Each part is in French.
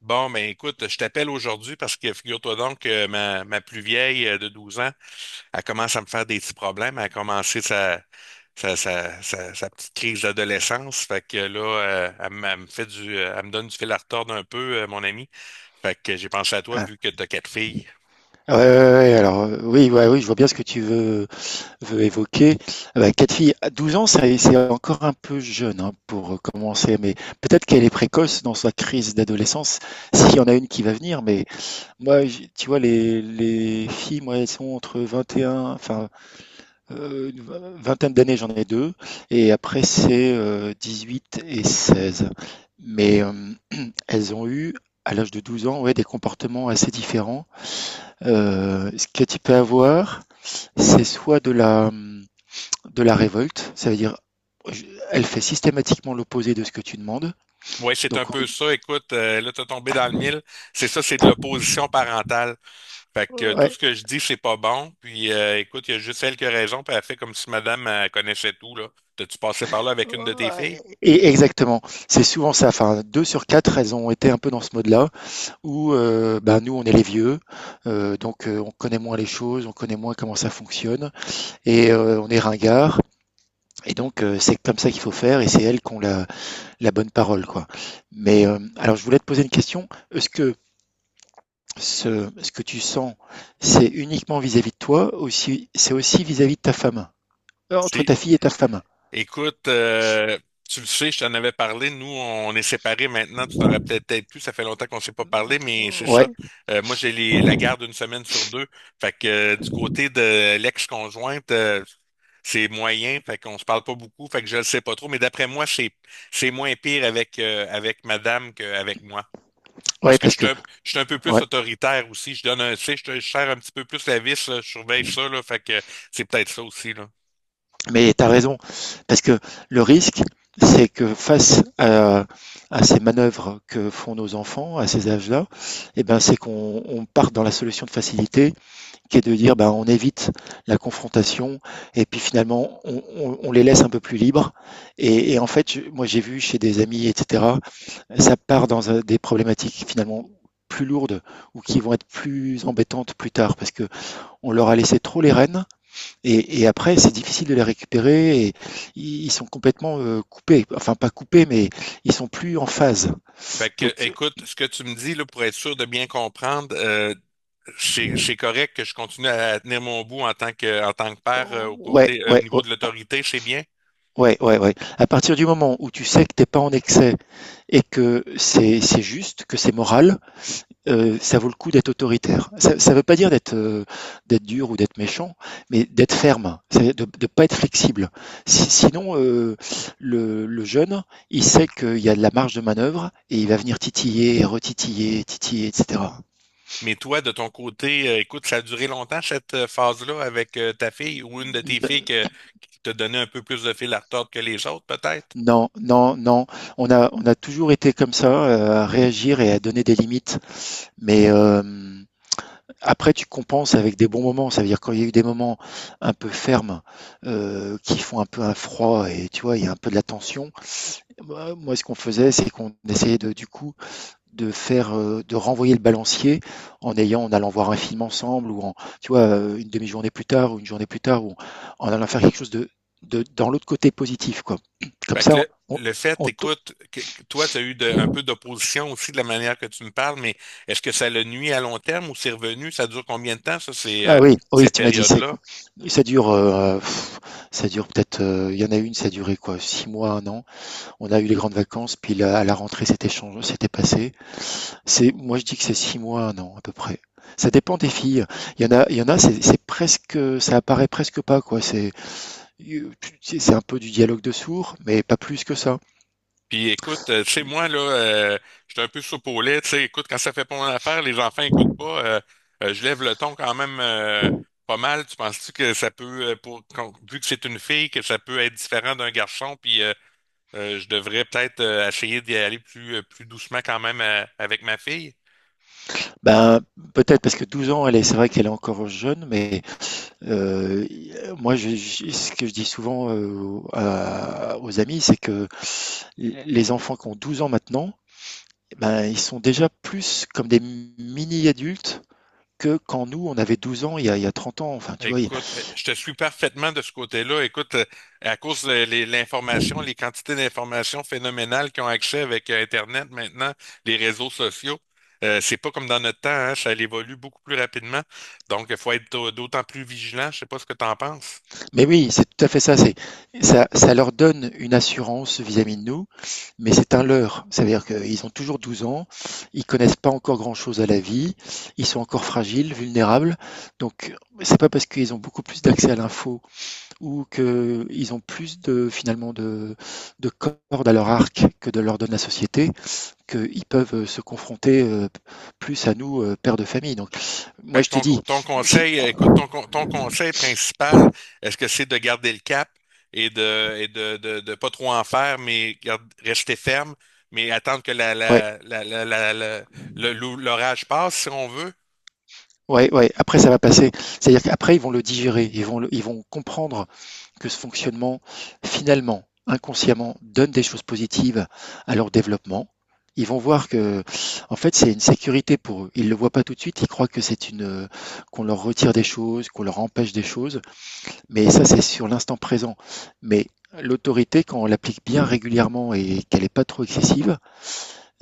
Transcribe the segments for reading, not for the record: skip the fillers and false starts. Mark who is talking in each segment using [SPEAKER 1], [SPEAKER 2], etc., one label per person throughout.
[SPEAKER 1] Bon, ben écoute, je t'appelle aujourd'hui parce que figure-toi donc que ma plus vieille de 12 ans, elle commence à me faire des petits problèmes. Elle a commencé sa petite crise d'adolescence. Fait que là, elle me donne du fil à retordre un peu, mon ami. Fait que j'ai pensé à toi
[SPEAKER 2] Ah.
[SPEAKER 1] vu que tu as quatre filles.
[SPEAKER 2] Ouais, ouais, ouais, ouais, alors, oui, ouais, oui, je vois bien ce que tu veux évoquer. Ah bah, 4 filles à 12 ans, c'est encore un peu jeune, hein, pour, commencer, mais peut-être qu'elle est précoce dans sa crise d'adolescence, s'il y en a une qui va venir, mais moi, j'ai tu vois, les filles, moi, elles sont entre 21, enfin, une vingtaine d'années, j'en ai 2, et après c'est, 18 et 16. Mais, elles ont eu, à l'âge de 12 ans, ouais, des comportements assez différents. Ce que tu peux avoir, c'est soit de la révolte, ça veut dire elle fait systématiquement l'opposé de ce que tu demandes,
[SPEAKER 1] Ouais, c'est un
[SPEAKER 2] donc
[SPEAKER 1] peu
[SPEAKER 2] oui.
[SPEAKER 1] ça. Écoute, là, t'as tombé dans le mille. C'est ça, c'est de l'opposition parentale. Fait que tout
[SPEAKER 2] Ouais,
[SPEAKER 1] ce que je dis, c'est pas bon. Puis écoute, il y a juste elle qui a raison, puis elle fait comme si madame connaissait tout, là. T'as-tu passé par là avec une de tes filles?
[SPEAKER 2] ouais et exactement. C'est souvent ça, enfin 2 sur 4, elles ont été un peu dans ce mode-là où, bah, nous on est les vieux, donc on connaît moins les choses, on connaît moins comment ça fonctionne, et on est ringards, et donc c'est comme ça qu'il faut faire et c'est elles qui ont la bonne parole, quoi. Mais, alors je voulais te poser une question. Est-ce que ce que tu sens, c'est uniquement vis-à-vis de toi, aussi, c'est aussi vis-à-vis de ta femme, entre
[SPEAKER 1] Si.
[SPEAKER 2] ta fille et ta femme?
[SPEAKER 1] Écoute, tu le sais, je t'en avais parlé, nous, on est séparés maintenant, tu t'en rappelles peut-être plus, ça fait longtemps qu'on ne s'est pas parlé, mais c'est
[SPEAKER 2] Ouais,
[SPEAKER 1] ça. Moi, j'ai la garde une semaine sur deux. Fait que du côté de l'ex-conjointe, c'est moyen, fait qu'on se parle pas beaucoup, fait que je le sais pas trop, mais d'après moi, c'est moins pire avec avec madame qu'avec moi. Parce
[SPEAKER 2] ouais,
[SPEAKER 1] que
[SPEAKER 2] parce
[SPEAKER 1] je suis
[SPEAKER 2] que,
[SPEAKER 1] un, Je suis un peu plus
[SPEAKER 2] ouais,
[SPEAKER 1] autoritaire aussi. Tu sais, je serre un petit peu plus la vis, là, je surveille ça, là. Fait que c'est peut-être ça aussi, là.
[SPEAKER 2] mais t'as raison, parce que le risque, c'est que face à ces manœuvres que font nos enfants à ces âges-là, eh ben, c'est qu'on on part dans la solution de facilité, qui est de dire, ben, on évite la confrontation, et puis finalement, on les laisse un peu plus libres. Et en fait, moi, j'ai vu chez des amis, etc., ça part dans des problématiques finalement plus lourdes ou qui vont être plus embêtantes plus tard parce que on leur a laissé trop les rênes, et après c'est difficile de les récupérer et ils sont complètement coupés, enfin pas coupés mais ils sont plus en phase.
[SPEAKER 1] Fait que,
[SPEAKER 2] Donc
[SPEAKER 1] écoute, ce que tu me dis, là, pour être sûr de bien comprendre, c'est correct que je continue à tenir mon bout en tant que père,
[SPEAKER 2] oh, ouais,
[SPEAKER 1] au
[SPEAKER 2] ouais, ouais.
[SPEAKER 1] niveau de l'autorité, c'est bien?
[SPEAKER 2] Ouais, ouais, ouais. À partir du moment où tu sais que t'es pas en excès et que c'est juste, que c'est moral, ça vaut le coup d'être autoritaire. Ça ne veut pas dire d'être dur ou d'être méchant, mais d'être ferme, de ne pas être flexible. Sinon, le jeune, il sait qu'il y a de la marge de manœuvre et il va venir titiller, retitiller, titiller, etc.
[SPEAKER 1] Mais toi, de ton côté, écoute, ça a duré longtemps cette phase-là avec ta fille ou une de tes filles
[SPEAKER 2] N-
[SPEAKER 1] qui t'a donné un peu plus de fil à retordre que les autres, peut-être?
[SPEAKER 2] Non, non, non. On a toujours été comme ça, à réagir et à donner des limites. Mais après, tu compenses avec des bons moments. Ça veut dire quand il y a eu des moments un peu fermes, qui font un peu un froid et tu vois, il y a un peu de la tension. Bah, moi, ce qu'on faisait, c'est qu'on essayait de du coup, de faire, de renvoyer le balancier en ayant en allant voir un film ensemble ou en tu vois, une demi-journée plus tard ou une journée plus tard ou en allant faire quelque chose de dans l'autre côté positif, quoi. Comme
[SPEAKER 1] Fait que
[SPEAKER 2] ça,
[SPEAKER 1] le,
[SPEAKER 2] on
[SPEAKER 1] le fait,
[SPEAKER 2] on te
[SPEAKER 1] écoute, que toi, tu as eu un peu d'opposition aussi de la manière que tu me parles, mais est-ce que ça le nuit à long terme ou c'est revenu? Ça dure combien de temps, ça, ces,
[SPEAKER 2] ah
[SPEAKER 1] euh,
[SPEAKER 2] oui, oui,
[SPEAKER 1] ces
[SPEAKER 2] tu m'as dit, c'est.
[SPEAKER 1] périodes-là?
[SPEAKER 2] Ça dure, heu, ça dure peut-être, il y en a une, ça a duré quoi? Six mois, un an. On a eu les grandes vacances, puis à la rentrée, c'était changé, c'était passé. C'est, moi, je dis que c'est six mois, un an, à peu près. Ça dépend des filles. Il y en a, c'est presque, ça apparaît presque pas, quoi. C'est, tu sais, c'est un peu du dialogue de sourds, mais pas plus que ça.
[SPEAKER 1] Puis écoute, tu sais, moi, là, j'étais un peu soupe au lait, tu sais, écoute, quand ça fait pas mon affaire, les enfants écoutent pas, je lève le ton quand même pas mal. Tu penses-tu que ça peut, vu que c'est une fille, que ça peut être différent d'un garçon, puis je devrais peut-être essayer d'y aller plus doucement quand même avec ma fille?
[SPEAKER 2] Ben, peut-être parce que 12 ans, elle est, c'est vrai qu'elle est encore jeune, mais euh, moi, ce que je dis souvent aux amis, c'est que les enfants qui ont 12 ans maintenant, ben, ils sont déjà plus comme des mini-adultes que quand nous, on avait 12 ans, il y a 30 ans, enfin, tu vois.
[SPEAKER 1] Écoute, je te suis parfaitement de ce côté-là. Écoute, à cause de l'information, les quantités d'informations phénoménales qui ont accès avec Internet maintenant, les réseaux sociaux, c'est pas comme dans notre temps, hein, ça évolue beaucoup plus rapidement. Donc, il faut être d'autant plus vigilant. Je sais pas ce que tu en penses.
[SPEAKER 2] Mais oui, c'est tout à fait ça. C'est, ça leur donne une assurance vis-à-vis de nous, mais c'est un leurre. C'est-à-dire qu'ils ont toujours 12 ans, ils connaissent pas encore grand-chose à la vie, ils sont encore fragiles, vulnérables. Donc, c'est pas parce qu'ils ont beaucoup plus d'accès à l'info ou qu'ils ont plus de, finalement, de cordes à leur arc que de leur donne la société qu'ils peuvent se confronter plus à nous, pères de famille. Donc,
[SPEAKER 1] Fait
[SPEAKER 2] moi,
[SPEAKER 1] que
[SPEAKER 2] je te dis,
[SPEAKER 1] ton
[SPEAKER 2] si,
[SPEAKER 1] conseil, écoute, ton conseil principal, est-ce que c'est de garder le cap et de pas trop en faire, mais rester ferme, mais attendre que
[SPEAKER 2] ouais.
[SPEAKER 1] l'orage passe, si on veut?
[SPEAKER 2] Ouais, ouais, après ça va passer. C'est-à-dire qu'après, ils vont le digérer, ils vont ils vont comprendre que ce fonctionnement, finalement, inconsciemment, donne des choses positives à leur développement. Ils vont voir que, en fait, c'est une sécurité pour eux. Ils le voient pas tout de suite, ils croient que c'est une, qu'on leur retire des choses, qu'on leur empêche des choses, mais ça, c'est sur l'instant présent. Mais l'autorité, quand on l'applique bien régulièrement et qu'elle n'est pas trop excessive,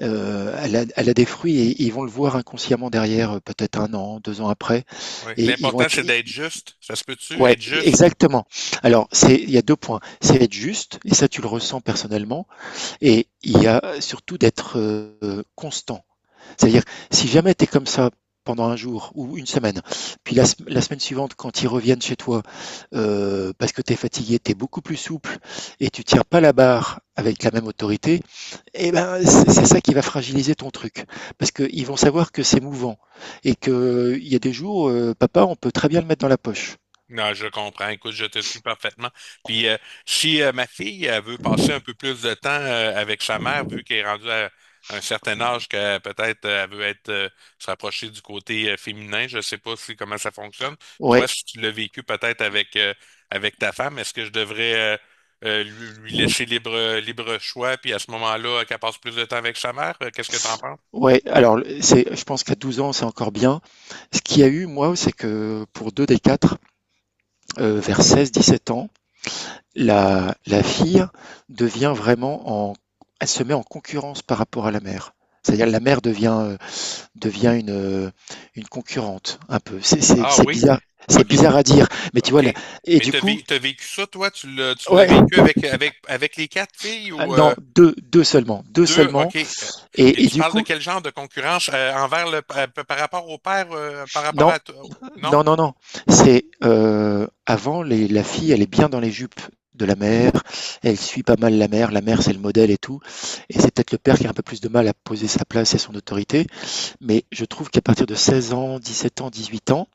[SPEAKER 2] elle a des fruits et ils vont le voir inconsciemment derrière, peut-être un an, deux ans après.
[SPEAKER 1] Oui.
[SPEAKER 2] Et ils vont
[SPEAKER 1] L'important,
[SPEAKER 2] être.
[SPEAKER 1] c'est d'être juste. Ça se peut-tu,
[SPEAKER 2] Ouais,
[SPEAKER 1] être juste?
[SPEAKER 2] exactement. Alors, c'est, il y a deux points. C'est être juste, et ça tu le ressens personnellement, et il y a surtout d'être constant. C'est-à-dire, si jamais tu es comme ça pendant un jour ou une semaine. Puis la semaine suivante, quand ils reviennent chez toi, parce que tu es fatigué, tu es beaucoup plus souple et tu tiens pas la barre avec la même autorité, eh ben c'est ça qui va fragiliser ton truc. Parce qu'ils vont savoir que c'est mouvant et qu'il y a des jours, papa, on peut très bien le mettre dans la poche.
[SPEAKER 1] Non, je comprends. Écoute, je te suis parfaitement. Puis si ma fille elle veut passer un peu plus de temps avec sa mère, vu qu'elle est rendue à un certain âge que peut-être elle veut être se rapprocher du côté féminin, je ne sais pas si comment ça fonctionne. Toi,
[SPEAKER 2] Ouais,
[SPEAKER 1] si tu l'as vécu peut-être avec avec ta femme, est-ce que je devrais lui laisser libre choix, puis à ce moment-là, qu'elle passe plus de temps avec sa mère? Qu'est-ce que tu en penses?
[SPEAKER 2] ouais. Alors, c'est, je pense qu'à 12 ans, c'est encore bien. Ce qu'il y a eu, moi, c'est que pour deux des quatre, vers 16-17 ans, la fille devient vraiment en, elle se met en concurrence par rapport à la mère. C'est-à-dire la mère devient une concurrente, un peu. C'est
[SPEAKER 1] Ah oui.
[SPEAKER 2] c'est
[SPEAKER 1] OK,
[SPEAKER 2] bizarre à dire, mais tu vois,
[SPEAKER 1] OK.
[SPEAKER 2] là, et
[SPEAKER 1] Mais
[SPEAKER 2] du coup,
[SPEAKER 1] t'as vécu ça, toi? Tu l'as
[SPEAKER 2] ouais,
[SPEAKER 1] vécu avec les quatre filles
[SPEAKER 2] ah,
[SPEAKER 1] ou
[SPEAKER 2] non, deux, deux
[SPEAKER 1] deux?
[SPEAKER 2] seulement,
[SPEAKER 1] OK. Puis
[SPEAKER 2] et
[SPEAKER 1] tu
[SPEAKER 2] du
[SPEAKER 1] parles de
[SPEAKER 2] coup,
[SPEAKER 1] quel genre de concurrence envers le par rapport au père, par rapport
[SPEAKER 2] non,
[SPEAKER 1] à toi? Non?
[SPEAKER 2] Non, non, non. C'est avant, la fille, elle est bien dans les jupes de la mère. Elle suit pas mal la mère. La mère, c'est le modèle et tout. Et c'est peut-être le père qui a un peu plus de mal à poser sa place et son autorité. Mais je trouve qu'à partir de 16 ans, 17 ans, 18 ans,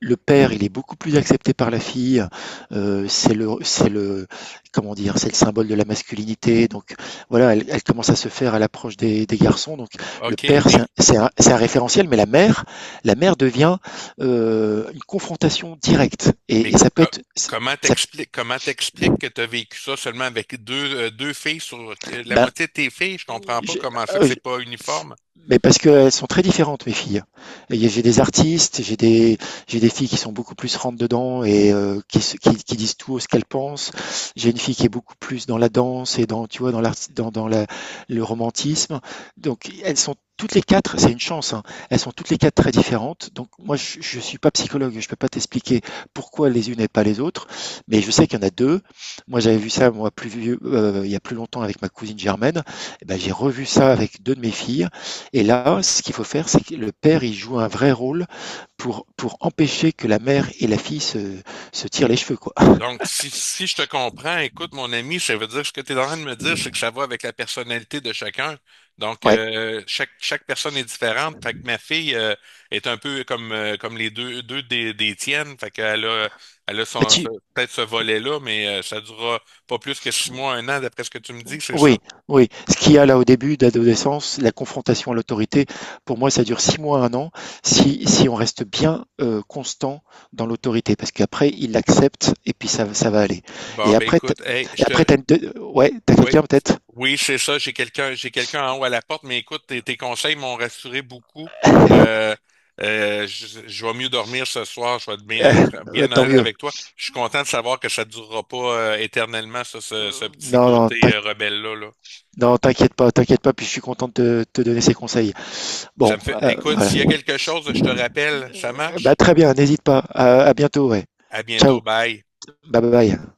[SPEAKER 2] le père, il est beaucoup plus accepté par la fille. C'est le, comment dire, c'est le symbole de la masculinité. Donc voilà, elle commence à se faire à l'approche des garçons. Donc le
[SPEAKER 1] OK,
[SPEAKER 2] père, c'est un référentiel, mais la mère devient une confrontation directe.
[SPEAKER 1] mais
[SPEAKER 2] Et
[SPEAKER 1] co-
[SPEAKER 2] ça peut
[SPEAKER 1] co-
[SPEAKER 2] être, ça,
[SPEAKER 1] comment t'expliques que tu as vécu ça seulement avec deux filles sur la
[SPEAKER 2] ben,
[SPEAKER 1] moitié de tes filles? Je comprends pas
[SPEAKER 2] je-
[SPEAKER 1] comment ça que
[SPEAKER 2] euh,
[SPEAKER 1] c'est pas uniforme.
[SPEAKER 2] mais parce qu'elles sont très différentes, mes filles. Et j'ai des artistes, j'ai des filles qui sont beaucoup plus rentre dedans et qui disent tout ce qu'elles pensent. J'ai une fille qui est beaucoup plus dans la danse et dans, tu vois, dans l'art, le romantisme. Donc, elles sont toutes les quatre, c'est une chance, hein, elles sont toutes les quatre très différentes. Donc, moi, je suis pas psychologue, je peux pas t'expliquer pourquoi les unes et pas les autres, mais je sais qu'il y en a deux. Moi, j'avais vu ça, moi, plus vieux, il y a plus longtemps avec ma cousine Germaine. Eh ben, j'ai revu ça avec deux de mes filles. Et là, ce qu'il faut faire, c'est que le père, il joue un vrai rôle pour empêcher que la mère et la fille se tirent les cheveux, quoi.
[SPEAKER 1] Donc, si je te comprends, écoute, mon ami, ça veut dire ce que tu es en train de me dire, c'est que ça va avec la personnalité de chacun. Donc,
[SPEAKER 2] Ouais.
[SPEAKER 1] chaque personne est différente. Fait que ma fille est un peu comme les deux des tiennes. Fait qu'elle a
[SPEAKER 2] Bah,
[SPEAKER 1] son, peut-être ce volet-là, mais ça durera pas plus que 6 mois, un an, d'après ce que tu me dis, c'est ça?
[SPEAKER 2] oui, oui. Ce qu'il y a là au début d'adolescence, la confrontation à l'autorité, pour moi, ça dure six mois, un an, si on reste bien constant dans l'autorité, parce qu'après, il l'accepte et puis ça va aller.
[SPEAKER 1] Bon,
[SPEAKER 2] Et
[SPEAKER 1] ben
[SPEAKER 2] après,
[SPEAKER 1] écoute, hey,
[SPEAKER 2] t'as une ouais, t'as
[SPEAKER 1] Oui,
[SPEAKER 2] quelqu'un peut-être?
[SPEAKER 1] oui, c'est ça. J'ai quelqu'un en haut à la porte, mais écoute, tes conseils m'ont rassuré beaucoup. Euh, je vais mieux dormir ce soir. Je vais être bien
[SPEAKER 2] tant
[SPEAKER 1] honnête
[SPEAKER 2] mieux.
[SPEAKER 1] avec toi. Je suis content de savoir que ça ne durera pas éternellement, ça, ce petit
[SPEAKER 2] Non, non,
[SPEAKER 1] côté rebelle-là, là.
[SPEAKER 2] non, t'inquiète pas, puis je suis content de te donner ces conseils.
[SPEAKER 1] Ça
[SPEAKER 2] Bon,
[SPEAKER 1] me fait. Écoute,
[SPEAKER 2] voilà.
[SPEAKER 1] s'il y a quelque chose, je te rappelle. Ça
[SPEAKER 2] Bah,
[SPEAKER 1] marche?
[SPEAKER 2] très bien, n'hésite pas. À bientôt, ouais.
[SPEAKER 1] À bientôt.
[SPEAKER 2] Ciao,
[SPEAKER 1] Bye.
[SPEAKER 2] bye bye.